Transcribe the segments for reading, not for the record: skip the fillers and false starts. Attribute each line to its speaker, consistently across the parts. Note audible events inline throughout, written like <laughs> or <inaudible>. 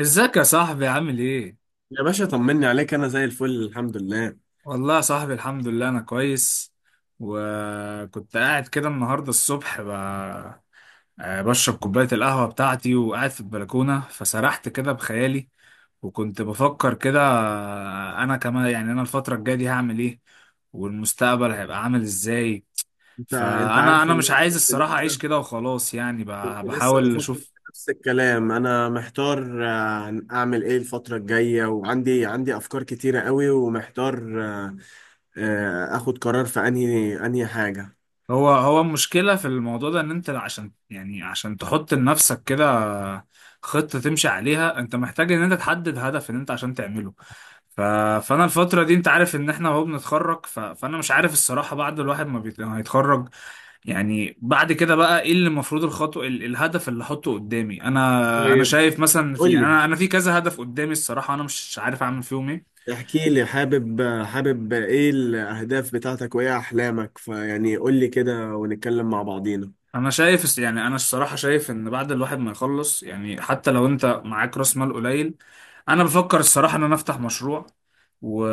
Speaker 1: ازيك يا صاحبي عامل ايه؟
Speaker 2: يا باشا طمني عليك، انا زي الفل الحمد لله.
Speaker 1: والله يا صاحبي، الحمد لله، انا كويس. وكنت قاعد كده النهارده الصبح ب... آه، بشرب كوباية القهوة بتاعتي وقاعد في البلكونة، فسرحت كده بخيالي. وكنت بفكر كده، انا كمان، يعني انا الفترة الجاية دي هعمل ايه، والمستقبل هيبقى عامل ازاي.
Speaker 2: انت
Speaker 1: فانا
Speaker 2: عارف
Speaker 1: انا
Speaker 2: ان
Speaker 1: مش
Speaker 2: انا
Speaker 1: عايز
Speaker 2: كنت
Speaker 1: الصراحة اعيش
Speaker 2: لسه
Speaker 1: كده وخلاص، يعني
Speaker 2: كنت لسه
Speaker 1: بحاول
Speaker 2: بفكر في
Speaker 1: اشوف.
Speaker 2: نفس الكلام. انا محتار، اعمل ايه الفترة الجاية؟ وعندي عندي افكار كتيرة قوي ومحتار، اخد قرار في انهي حاجة.
Speaker 1: هو المشكلة في الموضوع ده، ان انت عشان، يعني عشان تحط لنفسك كده خطة تمشي عليها، انت محتاج ان انت تحدد هدف ان انت عشان تعمله. ف... فانا الفترة دي انت عارف ان احنا اهو بنتخرج. فانا مش عارف الصراحة، بعد الواحد ما هيتخرج، يعني بعد كده بقى ايه اللي المفروض الخطوة، الهدف اللي احطه قدامي. انا
Speaker 2: طيب،
Speaker 1: شايف مثلا، في،
Speaker 2: قول
Speaker 1: يعني
Speaker 2: لي،
Speaker 1: انا في كذا هدف قدامي الصراحة، انا مش عارف اعمل فيهم ايه.
Speaker 2: احكي لي. حابب ايه الاهداف بتاعتك وايه احلامك؟ فيعني قول لي كده ونتكلم مع بعضينا.
Speaker 1: انا شايف، يعني انا الصراحه شايف ان بعد الواحد ما يخلص، يعني حتى لو انت معاك راس مال قليل، انا بفكر الصراحه ان انا افتح مشروع. و...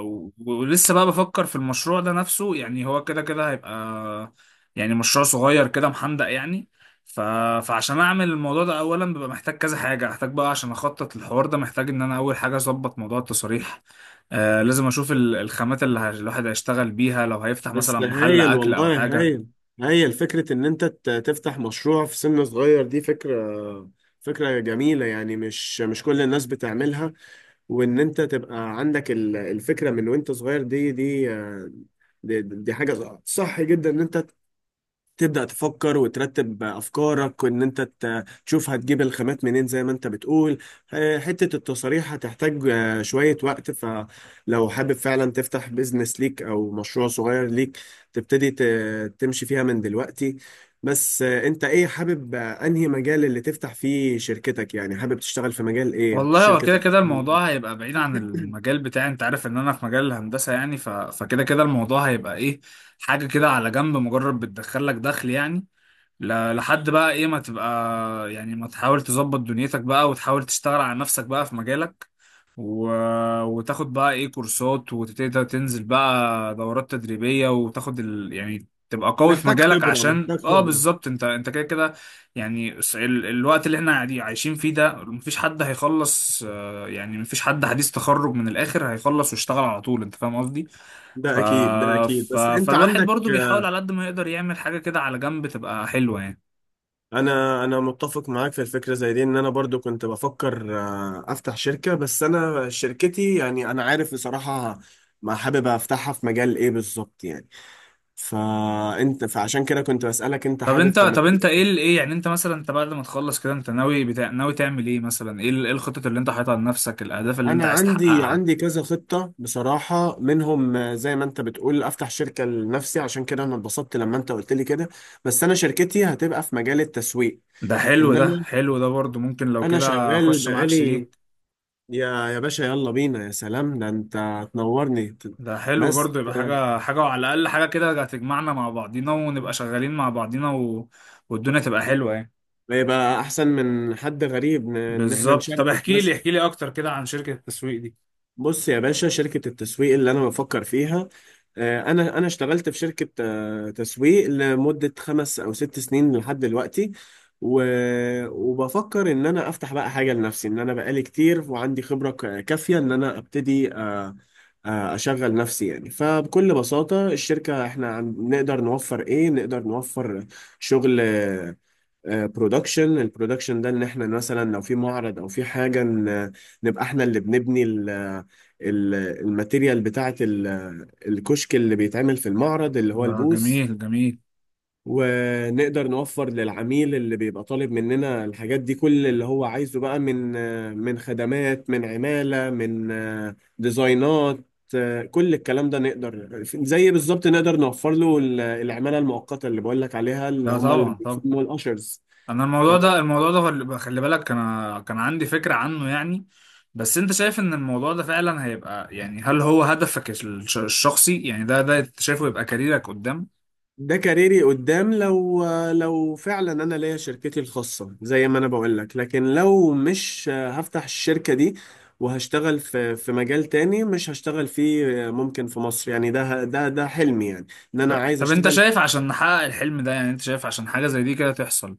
Speaker 1: ولسه بقى بفكر في المشروع ده نفسه، يعني هو كده كده هيبقى، يعني مشروع صغير كده محندق يعني. ف... فعشان اعمل الموضوع ده اولا، ببقى محتاج كذا حاجه، محتاج بقى عشان اخطط الحوار ده، محتاج ان انا اول حاجه اظبط موضوع التصاريح. لازم اشوف الخامات اللي الواحد هيشتغل بيها لو هيفتح مثلا
Speaker 2: بس
Speaker 1: محل
Speaker 2: هايل،
Speaker 1: اكل او
Speaker 2: والله
Speaker 1: حاجه.
Speaker 2: هايل. هايل فكرة إن أنت تفتح مشروع في سن صغير. دي فكرة، فكرة جميلة، يعني مش كل الناس بتعملها. وإن أنت تبقى عندك الفكرة من وأنت صغير، دي حاجة صح جدا. إن أنت تبدأ تفكر وترتب أفكارك، وإن أنت تشوف هتجيب الخامات منين زي ما أنت بتقول. حتة التصاريح هتحتاج شوية وقت، فلو حابب فعلا تفتح بيزنس ليك أو مشروع صغير ليك، تبتدي تمشي فيها من دلوقتي. بس أنت إيه حابب؟ أنهي مجال اللي تفتح فيه شركتك؟ يعني حابب تشتغل في مجال إيه
Speaker 1: والله، هو
Speaker 2: الشركة
Speaker 1: كده كده الموضوع
Speaker 2: تبقى؟
Speaker 1: هيبقى بعيد عن
Speaker 2: <clears throat>
Speaker 1: المجال بتاعي. انت عارف ان انا في مجال الهندسة يعني، فكده كده الموضوع هيبقى ايه، حاجة كده على جنب، مجرد بتدخل لك دخل يعني. لحد بقى ايه ما تبقى، يعني ما تحاول تظبط دنيتك بقى وتحاول تشتغل على نفسك بقى في مجالك، و... وتاخد بقى ايه كورسات وتبتدي تنزل بقى دورات تدريبية وتاخد يعني تبقى قوي في
Speaker 2: محتاج
Speaker 1: مجالك،
Speaker 2: خبرة،
Speaker 1: عشان
Speaker 2: محتاج خبرة
Speaker 1: بالظبط انت كده كده. يعني الوقت اللي احنا قاعدين عايشين فيه ده، مفيش حد هيخلص، يعني مفيش حد حديث تخرج من الاخر هيخلص ويشتغل على طول. انت فاهم قصدي؟
Speaker 2: ده
Speaker 1: ف...
Speaker 2: أكيد، ده أكيد، بس أنت
Speaker 1: فالواحد
Speaker 2: عندك.
Speaker 1: برضو بيحاول على قد ما يقدر يعمل حاجة كده على جنب تبقى حلوة يعني.
Speaker 2: انا متفق معاك في الفكره زي دي. ان انا برضو كنت بفكر، افتح شركه، بس انا شركتي، يعني انا عارف بصراحه ما حابب افتحها في مجال ايه بالظبط، يعني فانت، فعشان كده كنت بسالك انت
Speaker 1: طب
Speaker 2: حابب
Speaker 1: انت
Speaker 2: في
Speaker 1: طب
Speaker 2: مجال
Speaker 1: انت ايه، يعني انت مثلا، انت بعد ما تخلص كده انت ناوي ناوي تعمل ايه مثلا، ايه الخطط اللي انت حاططها لنفسك، الاهداف اللي
Speaker 2: إيه؟
Speaker 1: انت
Speaker 2: انا
Speaker 1: عايز
Speaker 2: عندي،
Speaker 1: تحققها؟
Speaker 2: عندي كذا خطه بصراحه. منهم، زي ما انت بتقول، افتح شركه لنفسي. عشان كده انا اتبسطت لما انت قلت لي كده. بس انا شركتي هتبقى في مجال التسويق.
Speaker 1: ده حلو،
Speaker 2: ان
Speaker 1: ده
Speaker 2: انا
Speaker 1: حلو، ده برضو ممكن لو
Speaker 2: انا
Speaker 1: كده
Speaker 2: شغال
Speaker 1: اخش معاك
Speaker 2: بقالي.
Speaker 1: شريك.
Speaker 2: يا يا باشا، يلا بينا، يا سلام ده انت تنورني.
Speaker 1: ده حلو
Speaker 2: بس
Speaker 1: برضو، يبقى حاجة حاجة، وعلى الاقل حاجة كده هتجمعنا مع بعضينا ونبقى شغالين مع بعضينا، والدنيا تبقى حلوة يعني.
Speaker 2: يبقى احسن من حد غريب ان احنا
Speaker 1: بالظبط. طب
Speaker 2: نشاركه
Speaker 1: احكي
Speaker 2: بس.
Speaker 1: لي، احكي لي اكتر كده عن شركة التسويق دي.
Speaker 2: بص يا باشا، شركة التسويق اللي أنا بفكر فيها، أنا أنا اشتغلت في شركة، تسويق لمدة خمس أو ست سنين لحد دلوقتي. و... وبفكر إن أنا أفتح بقى حاجة لنفسي، إن أنا بقالي كتير وعندي خبرة كافية إن أنا أبتدي، أشغل نفسي يعني. فبكل بساطة الشركة إحنا نقدر نوفر إيه؟ نقدر نوفر شغل برودكشن. البرودكشن ده ان احنا مثلا لو في معرض او في حاجه، نبقى احنا اللي بنبني الماتيريال بتاعه، الكشك اللي بيتعمل في المعرض اللي هو
Speaker 1: ده
Speaker 2: البوث.
Speaker 1: جميل جميل.
Speaker 2: ونقدر نوفر للعميل اللي بيبقى طالب مننا الحاجات دي كل اللي هو عايزه بقى، من من خدمات، من عمالة، من ديزاينات، كل الكلام ده نقدر زي بالظبط نقدر نوفر له العمالة المؤقتة اللي بقول لك عليها، اللي
Speaker 1: ده
Speaker 2: هم اللي
Speaker 1: طبعا طبعا.
Speaker 2: بيسموا الأشرز.
Speaker 1: انا الموضوع ده، الموضوع ده، خلي بالك انا كان عندي فكرة عنه يعني. بس انت شايف ان الموضوع ده فعلا هيبقى، يعني، هل هو هدفك الشخصي؟ يعني ده انت شايفه يبقى كاريرك قدام؟
Speaker 2: ده كاريري قدام، لو لو فعلا انا ليا شركتي الخاصه زي ما انا بقول لك. لكن لو مش هفتح الشركه دي وهشتغل في في مجال تاني، مش هشتغل فيه ممكن في مصر، يعني ده ده حلمي يعني، ان انا
Speaker 1: طب
Speaker 2: عايز
Speaker 1: طب، انت
Speaker 2: اشتغل.
Speaker 1: شايف عشان نحقق الحلم ده، يعني انت شايف عشان حاجة زي دي كده تحصل،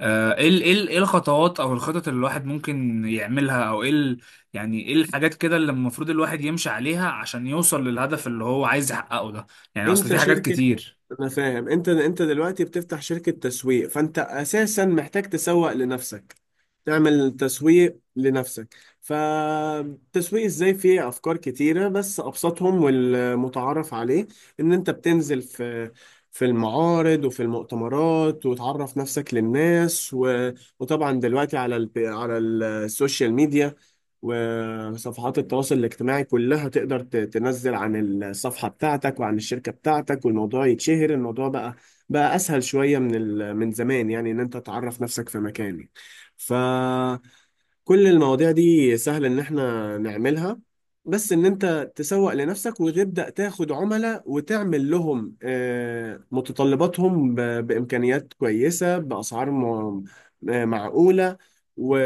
Speaker 1: ايه الخطوات او الخطط اللي الواحد ممكن يعملها، او ايه يعني ايه الحاجات كده اللي المفروض الواحد يمشي عليها عشان يوصل للهدف اللي هو عايز يحققه ده؟ يعني اصل في
Speaker 2: انت
Speaker 1: حاجات
Speaker 2: شركه،
Speaker 1: كتير.
Speaker 2: انا فاهم انت دلوقتي بتفتح شركة تسويق، فانت اساسا محتاج تسوق لنفسك، تعمل تسويق لنفسك. فالتسويق ازاي؟ فيه افكار كتيرة، بس ابسطهم والمتعارف عليه ان انت بتنزل في في المعارض وفي المؤتمرات وتعرف نفسك للناس وطبعا دلوقتي على على السوشيال ميديا وصفحات التواصل الاجتماعي كلها تقدر تنزل عن الصفحة بتاعتك وعن الشركة بتاعتك والموضوع يتشهر. الموضوع بقى، بقى أسهل شوية من من زمان، يعني إن أنت تعرف نفسك في مكان. فكل المواضيع دي سهل إن إحنا نعملها. بس إن أنت تسوق لنفسك وتبدأ تاخد عملاء وتعمل لهم، متطلباتهم بإمكانيات كويسة، بأسعار م... آه، معقولة، و...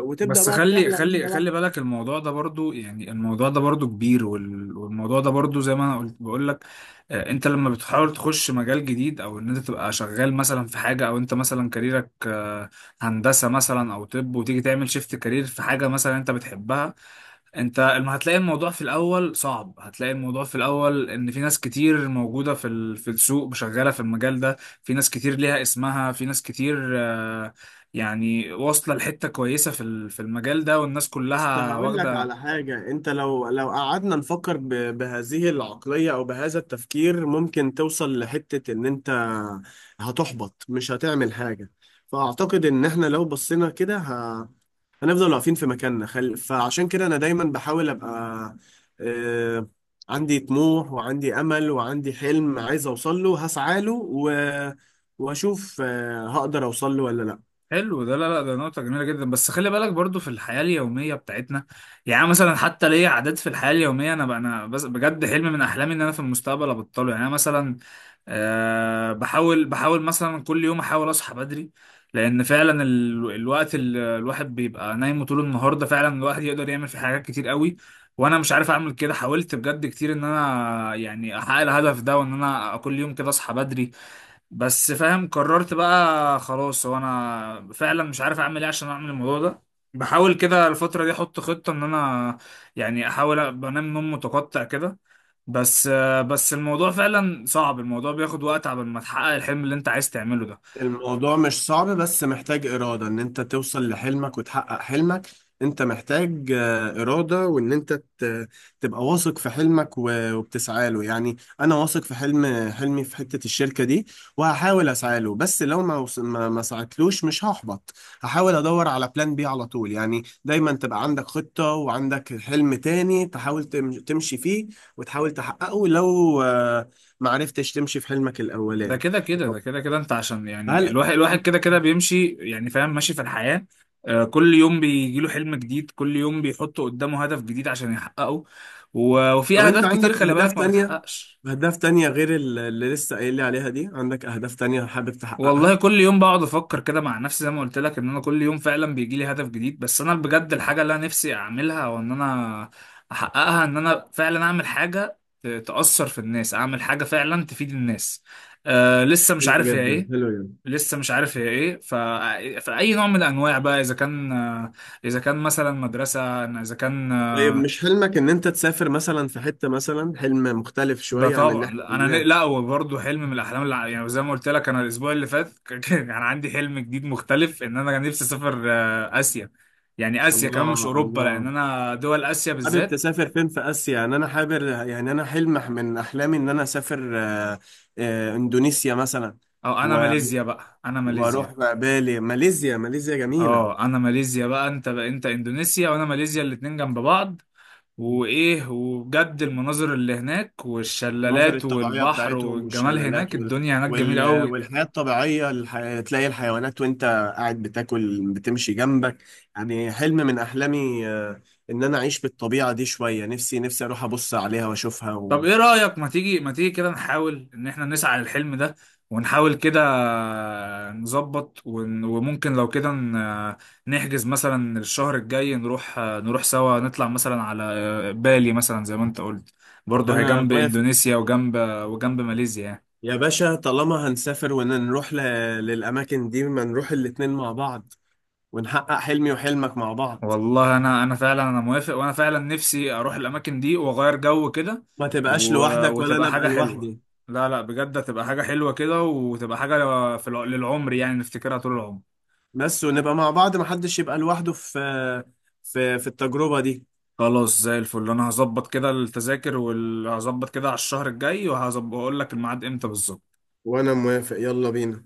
Speaker 2: وتبدأ
Speaker 1: بس
Speaker 2: بقى
Speaker 1: خلي
Speaker 2: تعلى
Speaker 1: خلي
Speaker 2: واحدة
Speaker 1: خلي
Speaker 2: واحدة.
Speaker 1: بالك الموضوع ده برضو، يعني الموضوع ده برضو كبير، والموضوع ده برضو زي ما انا قلت بقول لك، انت لما بتحاول تخش مجال جديد، او ان انت تبقى شغال مثلا في حاجه، او انت مثلا كاريرك، هندسه مثلا او طب، وتيجي تعمل شيفت كارير في حاجه مثلا انت بتحبها، انت هتلاقي الموضوع في الاول صعب. هتلاقي الموضوع في الاول ان في ناس كتير موجوده في في السوق، شغاله في المجال ده، في ناس كتير ليها اسمها، في ناس كتير، يعني واصلة لحتة كويسة في في المجال ده، والناس
Speaker 2: بس ده
Speaker 1: كلها
Speaker 2: هقول لك
Speaker 1: واخدة.
Speaker 2: على حاجة، انت لو لو قعدنا نفكر بهذه العقلية او بهذا التفكير، ممكن توصل لحتة ان انت هتحبط، مش هتعمل حاجة. فاعتقد ان احنا لو بصينا كده هنفضل واقفين في مكاننا. فعشان كده انا دايما بحاول ابقى آه... عندي طموح وعندي امل وعندي حلم عايز اوصل له، هسعى له واشوف، هقدر اوصل له ولا لا.
Speaker 1: حلو ده، لا لا، ده نقطة جميلة جدا. بس خلي بالك برضو في الحياة اليومية بتاعتنا، يعني مثلا حتى ليا عادات في الحياة اليومية. أنا بقى، أنا بس بجد حلم من أحلامي إن أنا في المستقبل أبطله، يعني أنا مثلا أه بحاول بحاول مثلا كل يوم أحاول أصحى بدري، لأن فعلا الوقت اللي الواحد بيبقى نايم طول النهار ده، فعلا الواحد يقدر يعمل فيه حاجات كتير قوي. وأنا مش عارف أعمل كده، حاولت بجد كتير إن أنا يعني أحقق الهدف ده، وإن أنا كل يوم كده أصحى بدري، بس فاهم، قررت بقى خلاص، هو انا فعلا مش عارف اعمل ايه عشان اعمل الموضوع ده. بحاول كده الفترة دي احط خطة ان انا، يعني احاول بنام نوم متقطع كده. بس، بس الموضوع فعلا صعب، الموضوع بياخد وقت عبال ما تحقق الحلم اللي انت عايز تعمله ده.
Speaker 2: الموضوع مش صعب، بس محتاج إرادة إن أنت توصل لحلمك وتحقق حلمك. أنت محتاج، إرادة، وإن أنت تبقى واثق في حلمك وبتسعى له. يعني أنا واثق في حلم حلمي في حتة الشركة دي، وهحاول أسعى له. بس لو ما وص- ما ما سعتلوش، مش هحبط. هحاول أدور على بلان بي على طول. يعني دايما تبقى عندك خطة، وعندك حلم تاني تحاول تمشي فيه وتحاول تحققه لو ما عرفتش تمشي في حلمك
Speaker 1: ده
Speaker 2: الأولاني.
Speaker 1: كده كده،
Speaker 2: طب،
Speaker 1: ده كده كده انت، عشان يعني
Speaker 2: هل
Speaker 1: الواحد كده كده بيمشي، يعني فاهم ماشي في الحياة، كل يوم بيجيله حلم جديد، كل يوم بيحط قدامه هدف جديد عشان يحققه، وفي
Speaker 2: طب انت
Speaker 1: اهداف كتير
Speaker 2: عندك
Speaker 1: خلي
Speaker 2: اهداف
Speaker 1: بالك ما
Speaker 2: تانية،
Speaker 1: بتحققش.
Speaker 2: اهداف تانية غير اللي لسه قايل لي عليها دي؟ عندك اهداف تانية حابب
Speaker 1: والله
Speaker 2: تحققها؟
Speaker 1: كل يوم بقعد افكر كده مع نفسي زي ما قلت لك، ان انا كل يوم فعلا بيجي لي هدف جديد. بس انا بجد الحاجه اللي انا نفسي اعملها، وان انا احققها، ان انا فعلا اعمل حاجه تاثر في الناس، اعمل حاجه فعلا تفيد الناس. لسه مش
Speaker 2: حلو
Speaker 1: عارف هي
Speaker 2: جدا،
Speaker 1: ايه.
Speaker 2: حلو جدا.
Speaker 1: لسه مش عارف هي ايه، فاي نوع من الانواع بقى، اذا كان، اذا كان مثلا مدرسه، اذا كان،
Speaker 2: طيب، مش حلمك ان انت تسافر مثلا في حتة، مثلا حلم مختلف
Speaker 1: ده
Speaker 2: شوية عن اللي
Speaker 1: طبعا.
Speaker 2: احنا
Speaker 1: لا انا
Speaker 2: قلناه؟
Speaker 1: لا، هو برضه حلم من الاحلام اللي يعني زي ما قلت لك، انا الاسبوع اللي فات <laughs> كان يعني عندي حلم جديد مختلف، ان انا كان نفسي اسافر، اسيا، يعني اسيا كمان مش
Speaker 2: الله
Speaker 1: اوروبا، لان
Speaker 2: الله،
Speaker 1: انا دول اسيا
Speaker 2: حابب
Speaker 1: بالذات.
Speaker 2: تسافر فين في اسيا؟ يعني انا حابب، يعني انا حلم من احلامي ان انا اسافر، اندونيسيا مثلا.
Speaker 1: او انا
Speaker 2: و-
Speaker 1: ماليزيا بقى، انا
Speaker 2: واروح
Speaker 1: ماليزيا.
Speaker 2: بالي. ماليزيا، ماليزيا جميلة.
Speaker 1: اه، انا ماليزيا بقى، انت اندونيسيا، وانا ماليزيا، الاتنين جنب بعض. وايه، وبجد المناظر اللي هناك،
Speaker 2: المناظر
Speaker 1: والشلالات
Speaker 2: الطبيعية
Speaker 1: والبحر
Speaker 2: بتاعتهم
Speaker 1: والجمال
Speaker 2: والشلالات
Speaker 1: هناك، الدنيا هناك جميلة قوي.
Speaker 2: والحياة الطبيعية. تلاقي الحيوانات وانت قاعد بتاكل بتمشي جنبك. يعني حلم من أحلامي، إن أنا أعيش بالطبيعة دي شوية. نفسي، نفسي أروح أبص عليها وأشوفها
Speaker 1: طب ايه رأيك، ما تيجي ما تيجي كده نحاول ان احنا نسعى للحلم ده، ونحاول كده نظبط، وممكن لو كده نحجز مثلا الشهر الجاي، نروح نروح سوا، نطلع مثلا على، بالي مثلا زي ما انت قلت، برضه هي
Speaker 2: أنا
Speaker 1: جنب
Speaker 2: موافق.
Speaker 1: اندونيسيا وجنب، ماليزيا يعني.
Speaker 2: يا باشا، طالما هنسافر ونروح للأماكن دي، ما نروح الاتنين مع بعض ونحقق حلمي وحلمك مع بعض.
Speaker 1: والله انا فعلا انا موافق، وانا فعلا نفسي اروح الاماكن دي واغير جو كده.
Speaker 2: ما تبقاش لوحدك ولا
Speaker 1: وتبقى
Speaker 2: أنا أبقى
Speaker 1: حاجة حلوة.
Speaker 2: لوحدي.
Speaker 1: لا لا، بجد هتبقى حاجة حلوة كده، وتبقى حاجة في للعمر، يعني نفتكرها طول العمر.
Speaker 2: بس ونبقى مع بعض، محدش يبقى لوحده في في التجربة دي.
Speaker 1: خلاص زي الفل، انا هظبط كده التذاكر، وهظبط كده على الشهر الجاي، وهظبط واقول لك الميعاد امتى بالظبط.
Speaker 2: وانا موافق، يلا بينا.